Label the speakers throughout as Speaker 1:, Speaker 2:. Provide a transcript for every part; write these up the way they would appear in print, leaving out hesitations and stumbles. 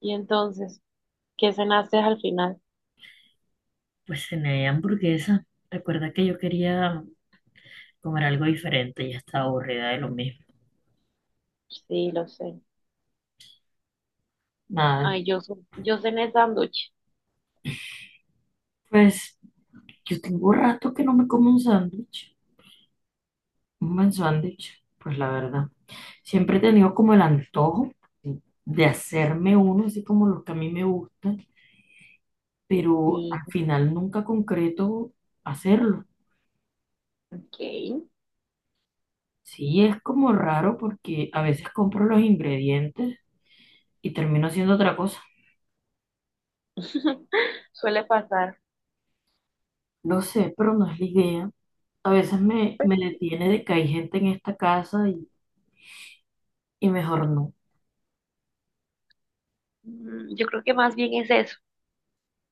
Speaker 1: Y entonces, ¿qué cenaste al final?
Speaker 2: Pues cené hamburguesa. Recuerda que yo quería comer algo diferente, ya estaba aburrida de lo mismo.
Speaker 1: Sí, lo sé.
Speaker 2: Nada,
Speaker 1: Ay, yo, yo cené sándwich.
Speaker 2: pues yo tengo rato que no me como un sándwich, un buen sándwich, pues la verdad. Siempre he tenido como el antojo de hacerme uno, así como los que a mí me gustan, pero
Speaker 1: Sí,
Speaker 2: al final nunca concreto hacerlo.
Speaker 1: ok.
Speaker 2: Sí, es como raro porque a veces compro los ingredientes y termino haciendo otra cosa.
Speaker 1: Suele pasar.
Speaker 2: Lo sé, pero no es la idea. A veces me detiene de que hay gente en esta casa y mejor no.
Speaker 1: Mm, yo creo que más bien es eso,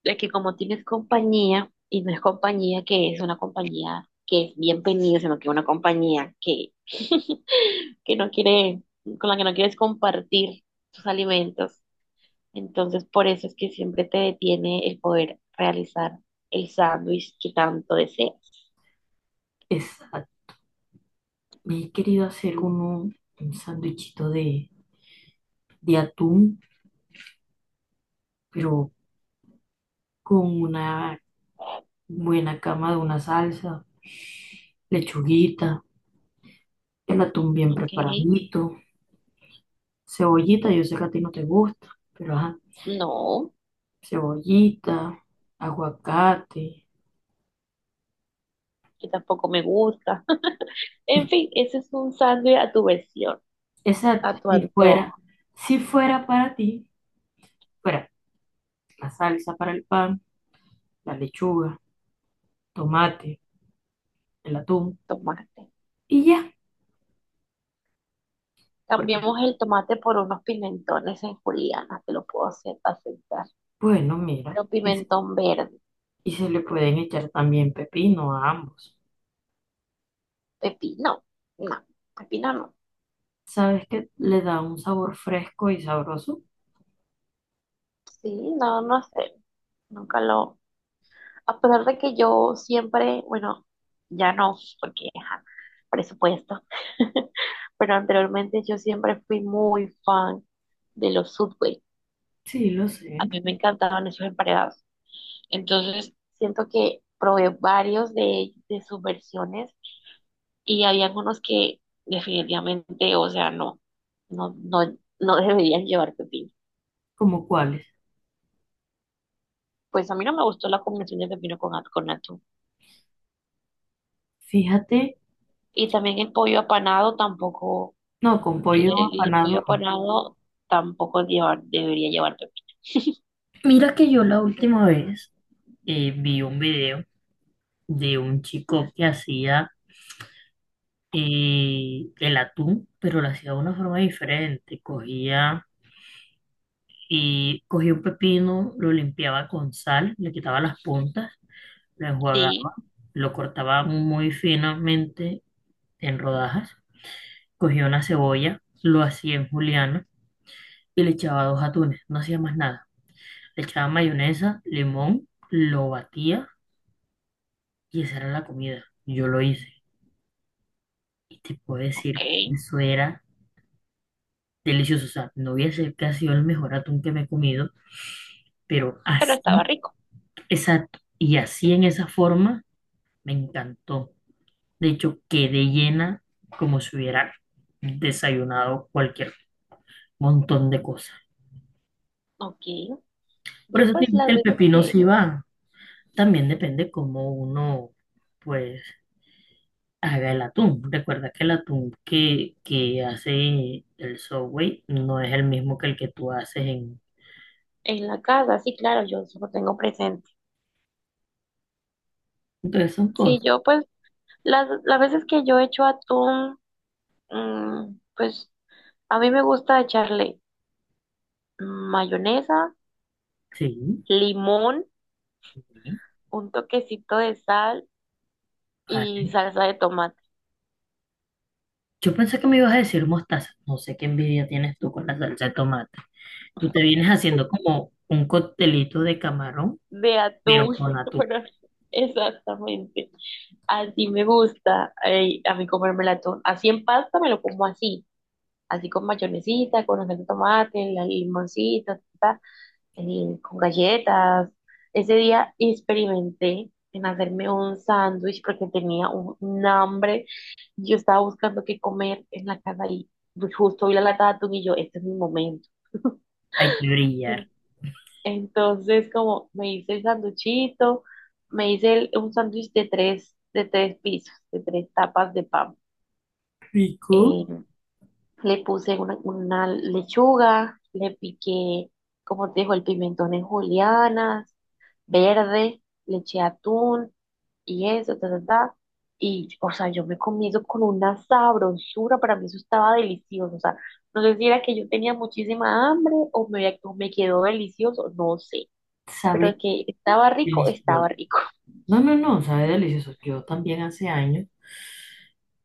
Speaker 1: de que como tienes compañía, y no es compañía que es una compañía que es bienvenida, sino que una compañía que, que no quiere, con la que no quieres compartir tus alimentos. Entonces, por eso es que siempre te detiene el poder realizar el sándwich que tanto deseas.
Speaker 2: Exacto. Me he querido hacer un sándwichito de atún, pero con una buena cama de una salsa, lechuguita, el atún bien
Speaker 1: Ok.
Speaker 2: preparadito, cebollita, yo sé que a ti no te gusta, pero ajá,
Speaker 1: No,
Speaker 2: cebollita, aguacate.
Speaker 1: que tampoco me gusta. En fin, ese es un sándwich a tu versión,
Speaker 2: Exacto,
Speaker 1: a tu
Speaker 2: si fuera,
Speaker 1: antojo.
Speaker 2: si fuera para ti, fuera la salsa para el pan, la lechuga, tomate el atún
Speaker 1: Tomate.
Speaker 2: y ya. Porque,
Speaker 1: Cambiamos el tomate por unos pimentones en juliana, te lo puedo hacer aceptar.
Speaker 2: bueno, mira,
Speaker 1: Pero
Speaker 2: y, se
Speaker 1: pimentón verde,
Speaker 2: y se le pueden echar también pepino a ambos.
Speaker 1: pepino, no, pepino no.
Speaker 2: ¿Sabes que le da un sabor fresco y sabroso?
Speaker 1: Sí, no, no sé. Nunca lo. A pesar de que yo siempre, bueno, ya no, porque ajá, presupuesto. Pero anteriormente yo siempre fui muy fan de los Subway.
Speaker 2: Sí, lo
Speaker 1: A
Speaker 2: sé.
Speaker 1: mí me encantaban esos emparedados. Entonces, siento que probé varios de sus versiones y había algunos que definitivamente, o sea, no, no, no, no deberían llevar pepino.
Speaker 2: ¿Como cuáles?
Speaker 1: Pues a mí no me gustó la combinación de pepino con, con atún.
Speaker 2: Fíjate,
Speaker 1: Y también el pollo apanado tampoco,
Speaker 2: no, con
Speaker 1: el,
Speaker 2: pollo
Speaker 1: el- el pollo
Speaker 2: apanado no.
Speaker 1: apanado tampoco lleva- debería llevar pepino.
Speaker 2: Mira que yo la última vez vi un video de un chico que hacía el atún, pero lo hacía de una forma diferente. Cogía y cogía un pepino, lo limpiaba con sal, le quitaba las puntas, lo enjuagaba,
Speaker 1: Sí,
Speaker 2: lo cortaba muy finamente en rodajas, cogía una cebolla, lo hacía en juliana y le echaba dos atunes, no hacía más nada. Le echaba mayonesa, limón, lo batía y esa era la comida. Yo lo hice y te puedo
Speaker 1: ok,
Speaker 2: decir, eso era delicioso. O sea, no voy a decir que ha sido el mejor atún que me he comido, pero
Speaker 1: pero estaba
Speaker 2: así,
Speaker 1: rico.
Speaker 2: exacto, y así en esa forma me encantó. De hecho, quedé llena como si hubiera desayunado cualquier montón de cosas.
Speaker 1: Ok,
Speaker 2: Por
Speaker 1: yo
Speaker 2: eso te
Speaker 1: pues
Speaker 2: digo que
Speaker 1: las
Speaker 2: el
Speaker 1: veces
Speaker 2: pepino
Speaker 1: que
Speaker 2: sí va. También depende cómo uno, pues, haga el atún. Recuerda que el atún que hace el Subway no es el mismo que el que tú haces en...
Speaker 1: en la casa, sí, claro, yo eso lo tengo presente.
Speaker 2: Entonces son
Speaker 1: Sí,
Speaker 2: cosas.
Speaker 1: yo pues las veces que yo he hecho atún, mm, pues a mí me gusta echarle mayonesa,
Speaker 2: Sí.
Speaker 1: limón,
Speaker 2: sí.
Speaker 1: un toquecito de sal
Speaker 2: Vale.
Speaker 1: y salsa de tomate,
Speaker 2: Yo pensé que me ibas a decir mostaza. No sé qué envidia tienes tú con la salsa de tomate. Tú te vienes haciendo como un coctelito de camarón,
Speaker 1: de
Speaker 2: pero
Speaker 1: atún.
Speaker 2: con atún.
Speaker 1: Bueno, exactamente. Así me gusta a mí comerme el atún. Así en pasta me lo como así, así con mayonesita, con la salsa de tomate, la limoncita, ta, ta, con galletas. Ese día experimenté en hacerme un sándwich porque tenía un hambre, yo estaba buscando qué comer en la casa y pues, justo vi la lata de atún y yo, este es mi momento.
Speaker 2: Hay que brillar.
Speaker 1: En- Entonces, como me hice el sanduchito, me hice un sándwich de tres pisos, de tres tapas de pan.
Speaker 2: Rico.
Speaker 1: Eh, Le puse una lechuga, le piqué, como te dijo, el pimentón en julianas, verde, le eché atún y eso, ta, ta, ta. Y, o sea, yo me comí eso con una sabrosura, para mí eso estaba delicioso. O sea, no sé si era que yo tenía muchísima hambre o me quedó delicioso, no sé.
Speaker 2: Sabe
Speaker 1: Pero que estaba rico, estaba
Speaker 2: delicioso.
Speaker 1: rico.
Speaker 2: No, no, no, sabe delicioso. Yo también hace años,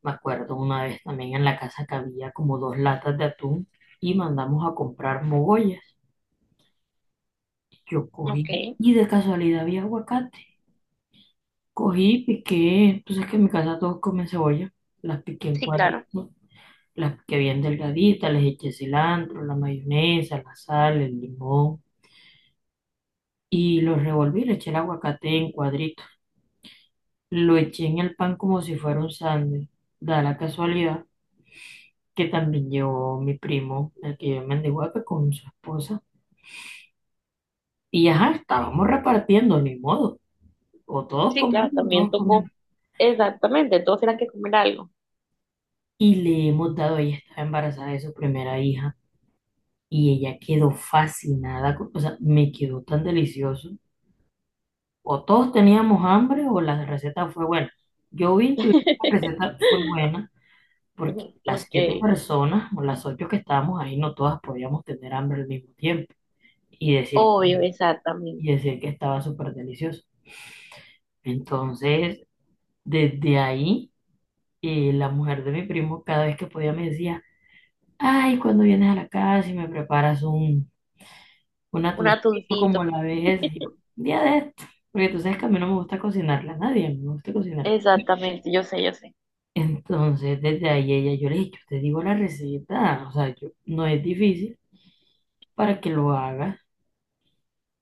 Speaker 2: me acuerdo una vez también en la casa que había como dos latas de atún y mandamos a comprar mogollas. Yo
Speaker 1: Ok,
Speaker 2: cogí y de casualidad había aguacate. Cogí, piqué, tú sabes que en mi casa todos comen cebolla, las piqué en
Speaker 1: sí, claro.
Speaker 2: cuadritos, las piqué bien delgaditas, les eché cilantro, la mayonesa, la sal, el limón y los revolví, le eché el aguacate en cuadritos. Lo eché en el pan como si fuera un sándwich. Da la casualidad que también llevó mi primo, el que vive en Mendihuaca, con su esposa. Y ajá, estábamos repartiendo, ni modo. O todos
Speaker 1: Sí, claro,
Speaker 2: comemos, o
Speaker 1: también
Speaker 2: todos
Speaker 1: tocó.
Speaker 2: comemos.
Speaker 1: Exactamente, todos eran que comer algo.
Speaker 2: Y le hemos dado, ella estaba embarazada de su primera hija y ella quedó fascinada, con- o sea, me quedó tan delicioso. O todos teníamos hambre o la receta fue buena. Yo vi intuí que la receta fue buena porque
Speaker 1: Ujú,
Speaker 2: las
Speaker 1: ok,
Speaker 2: siete personas o las ocho que estábamos ahí no todas podíamos tener hambre al mismo tiempo y decir,
Speaker 1: obvio, exactamente.
Speaker 2: y decir que estaba súper delicioso. Entonces, desde ahí, la mujer de mi primo cada vez que podía me decía, ay, cuando vienes a la casa y me preparas un
Speaker 1: Un
Speaker 2: atuncito como
Speaker 1: atuncito,
Speaker 2: la vez, y yo, "Un día de esto, porque tú sabes que a mí no me gusta cocinarla a nadie, a mí me gusta cocinar.
Speaker 1: exactamente, yo sé, yo sé.
Speaker 2: Entonces, desde ahí ella, yo le dije, yo te digo la receta, o sea, yo, no es difícil para que lo hagas.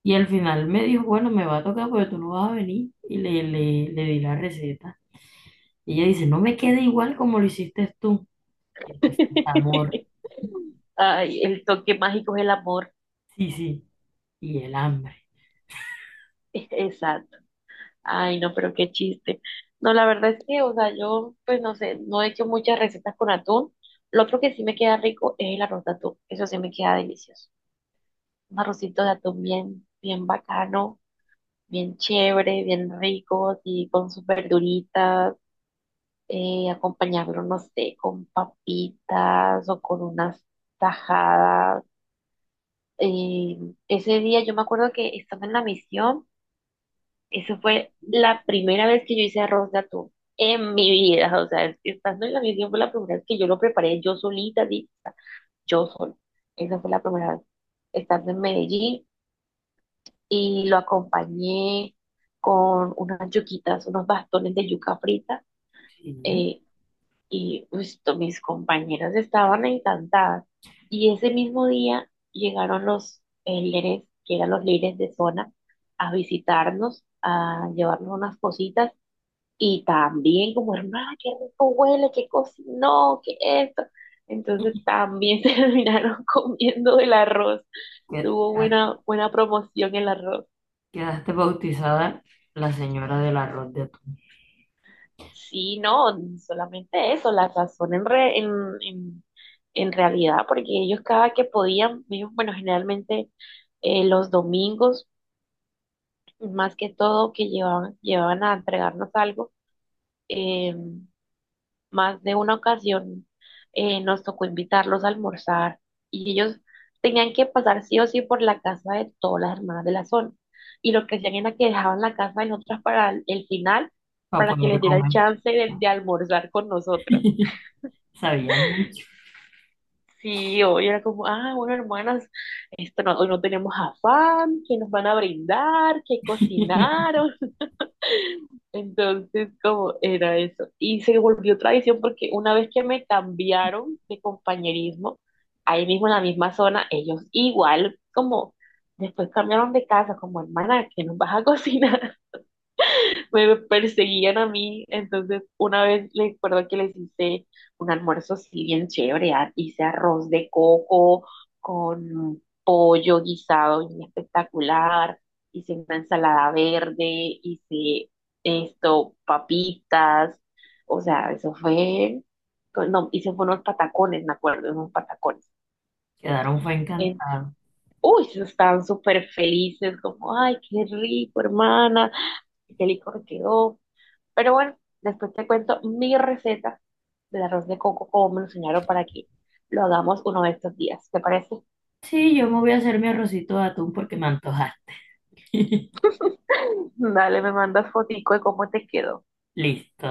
Speaker 2: Y al final me dijo, bueno, me va a tocar porque tú no vas a venir. Y le di la receta. Y ella dice, no me queda igual como lo hiciste tú. Y te falta amor,
Speaker 1: Ay, el toque mágico es el amor,
Speaker 2: sí, sí, y el hambre.
Speaker 1: exacto. Ay, no, pero qué chiste. No, la verdad es que, o sea, yo, pues no sé, no he hecho muchas recetas con atún. Lo otro que sí me queda rico es el arroz de atún, eso sí me queda delicioso. Un arrocito de atún bien, bien bacano, bien chévere, bien rico, y con sus verduritas acompañarlo, no sé, con papitas o con unas tajadas. Eh, ese día yo me acuerdo que estando en la misión, eso fue la primera vez que yo hice arroz de atún en mi vida, o sea, estando en la misión fue la primera vez que yo lo preparé yo solita, así, o sea, yo sola. Esa fue la primera vez estando en Medellín y lo acompañé con unas yuquitas, unos bastones de yuca frita.
Speaker 2: Sí,
Speaker 1: eh, Y pues, mis compañeras estaban encantadas. Y ese mismo día llegaron los líderes, que eran los líderes de zona, a visitarnos, a llevarnos unas cositas. Y también como, hermana, qué rico huele, qué cocinó, qué esto. Entonces también se terminaron comiendo el arroz.
Speaker 2: que-
Speaker 1: Tuvo buena, buena promoción el arroz.
Speaker 2: quedaste bautizada la señora del arroz de atún
Speaker 1: Sí, no, solamente eso, la razón en, re- en, en realidad, porque ellos cada que podían, ellos, bueno, generalmente los domingos, más que todo, que llevaban, llevaban a entregarnos algo, eh, más de una ocasión nos tocó invitarlos a almorzar y ellos tenían que pasar sí o sí por la casa de todas las hermanas de la zona. Y lo que hacían era que dejaban la casa de nosotras para el final,
Speaker 2: para
Speaker 1: para que
Speaker 2: poder
Speaker 1: les diera el
Speaker 2: comer.
Speaker 1: chance de almorzar con nosotras.
Speaker 2: Sabía mucho.
Speaker 1: Sí, hoy era como, ah, bueno, hermanas, esto no- hoy no tenemos afán, que nos van a brindar, que cocinaron. Entonces, como era eso. Y se volvió tradición porque una vez que me cambiaron de compañerismo, ahí mismo en la misma zona, ellos igual, como después cambiaron de casa, como hermana, que nos vas a cocinar, me perseguían a mí. Entonces, una vez les recuerdo que les hice un almuerzo así bien chévere. Hice arroz de coco con pollo guisado bien espectacular. Hice una ensalada verde, hice esto, papitas. O sea, eso fue, no, hice fue unos patacones, me acuerdo, unos patacones.
Speaker 2: Quedaron fue
Speaker 1: En-
Speaker 2: encantado.
Speaker 1: Uy, se estaban súper felices, como, ay, qué rico, hermana, qué licor quedó, pero bueno, después te cuento mi receta del arroz de coco, como me lo enseñaron para que lo hagamos uno de estos días. ¿Te parece?
Speaker 2: Sí, yo me voy a hacer mi arrocito de atún porque me antoja.
Speaker 1: Dale, me mandas fotico de cómo te quedó.
Speaker 2: Listo.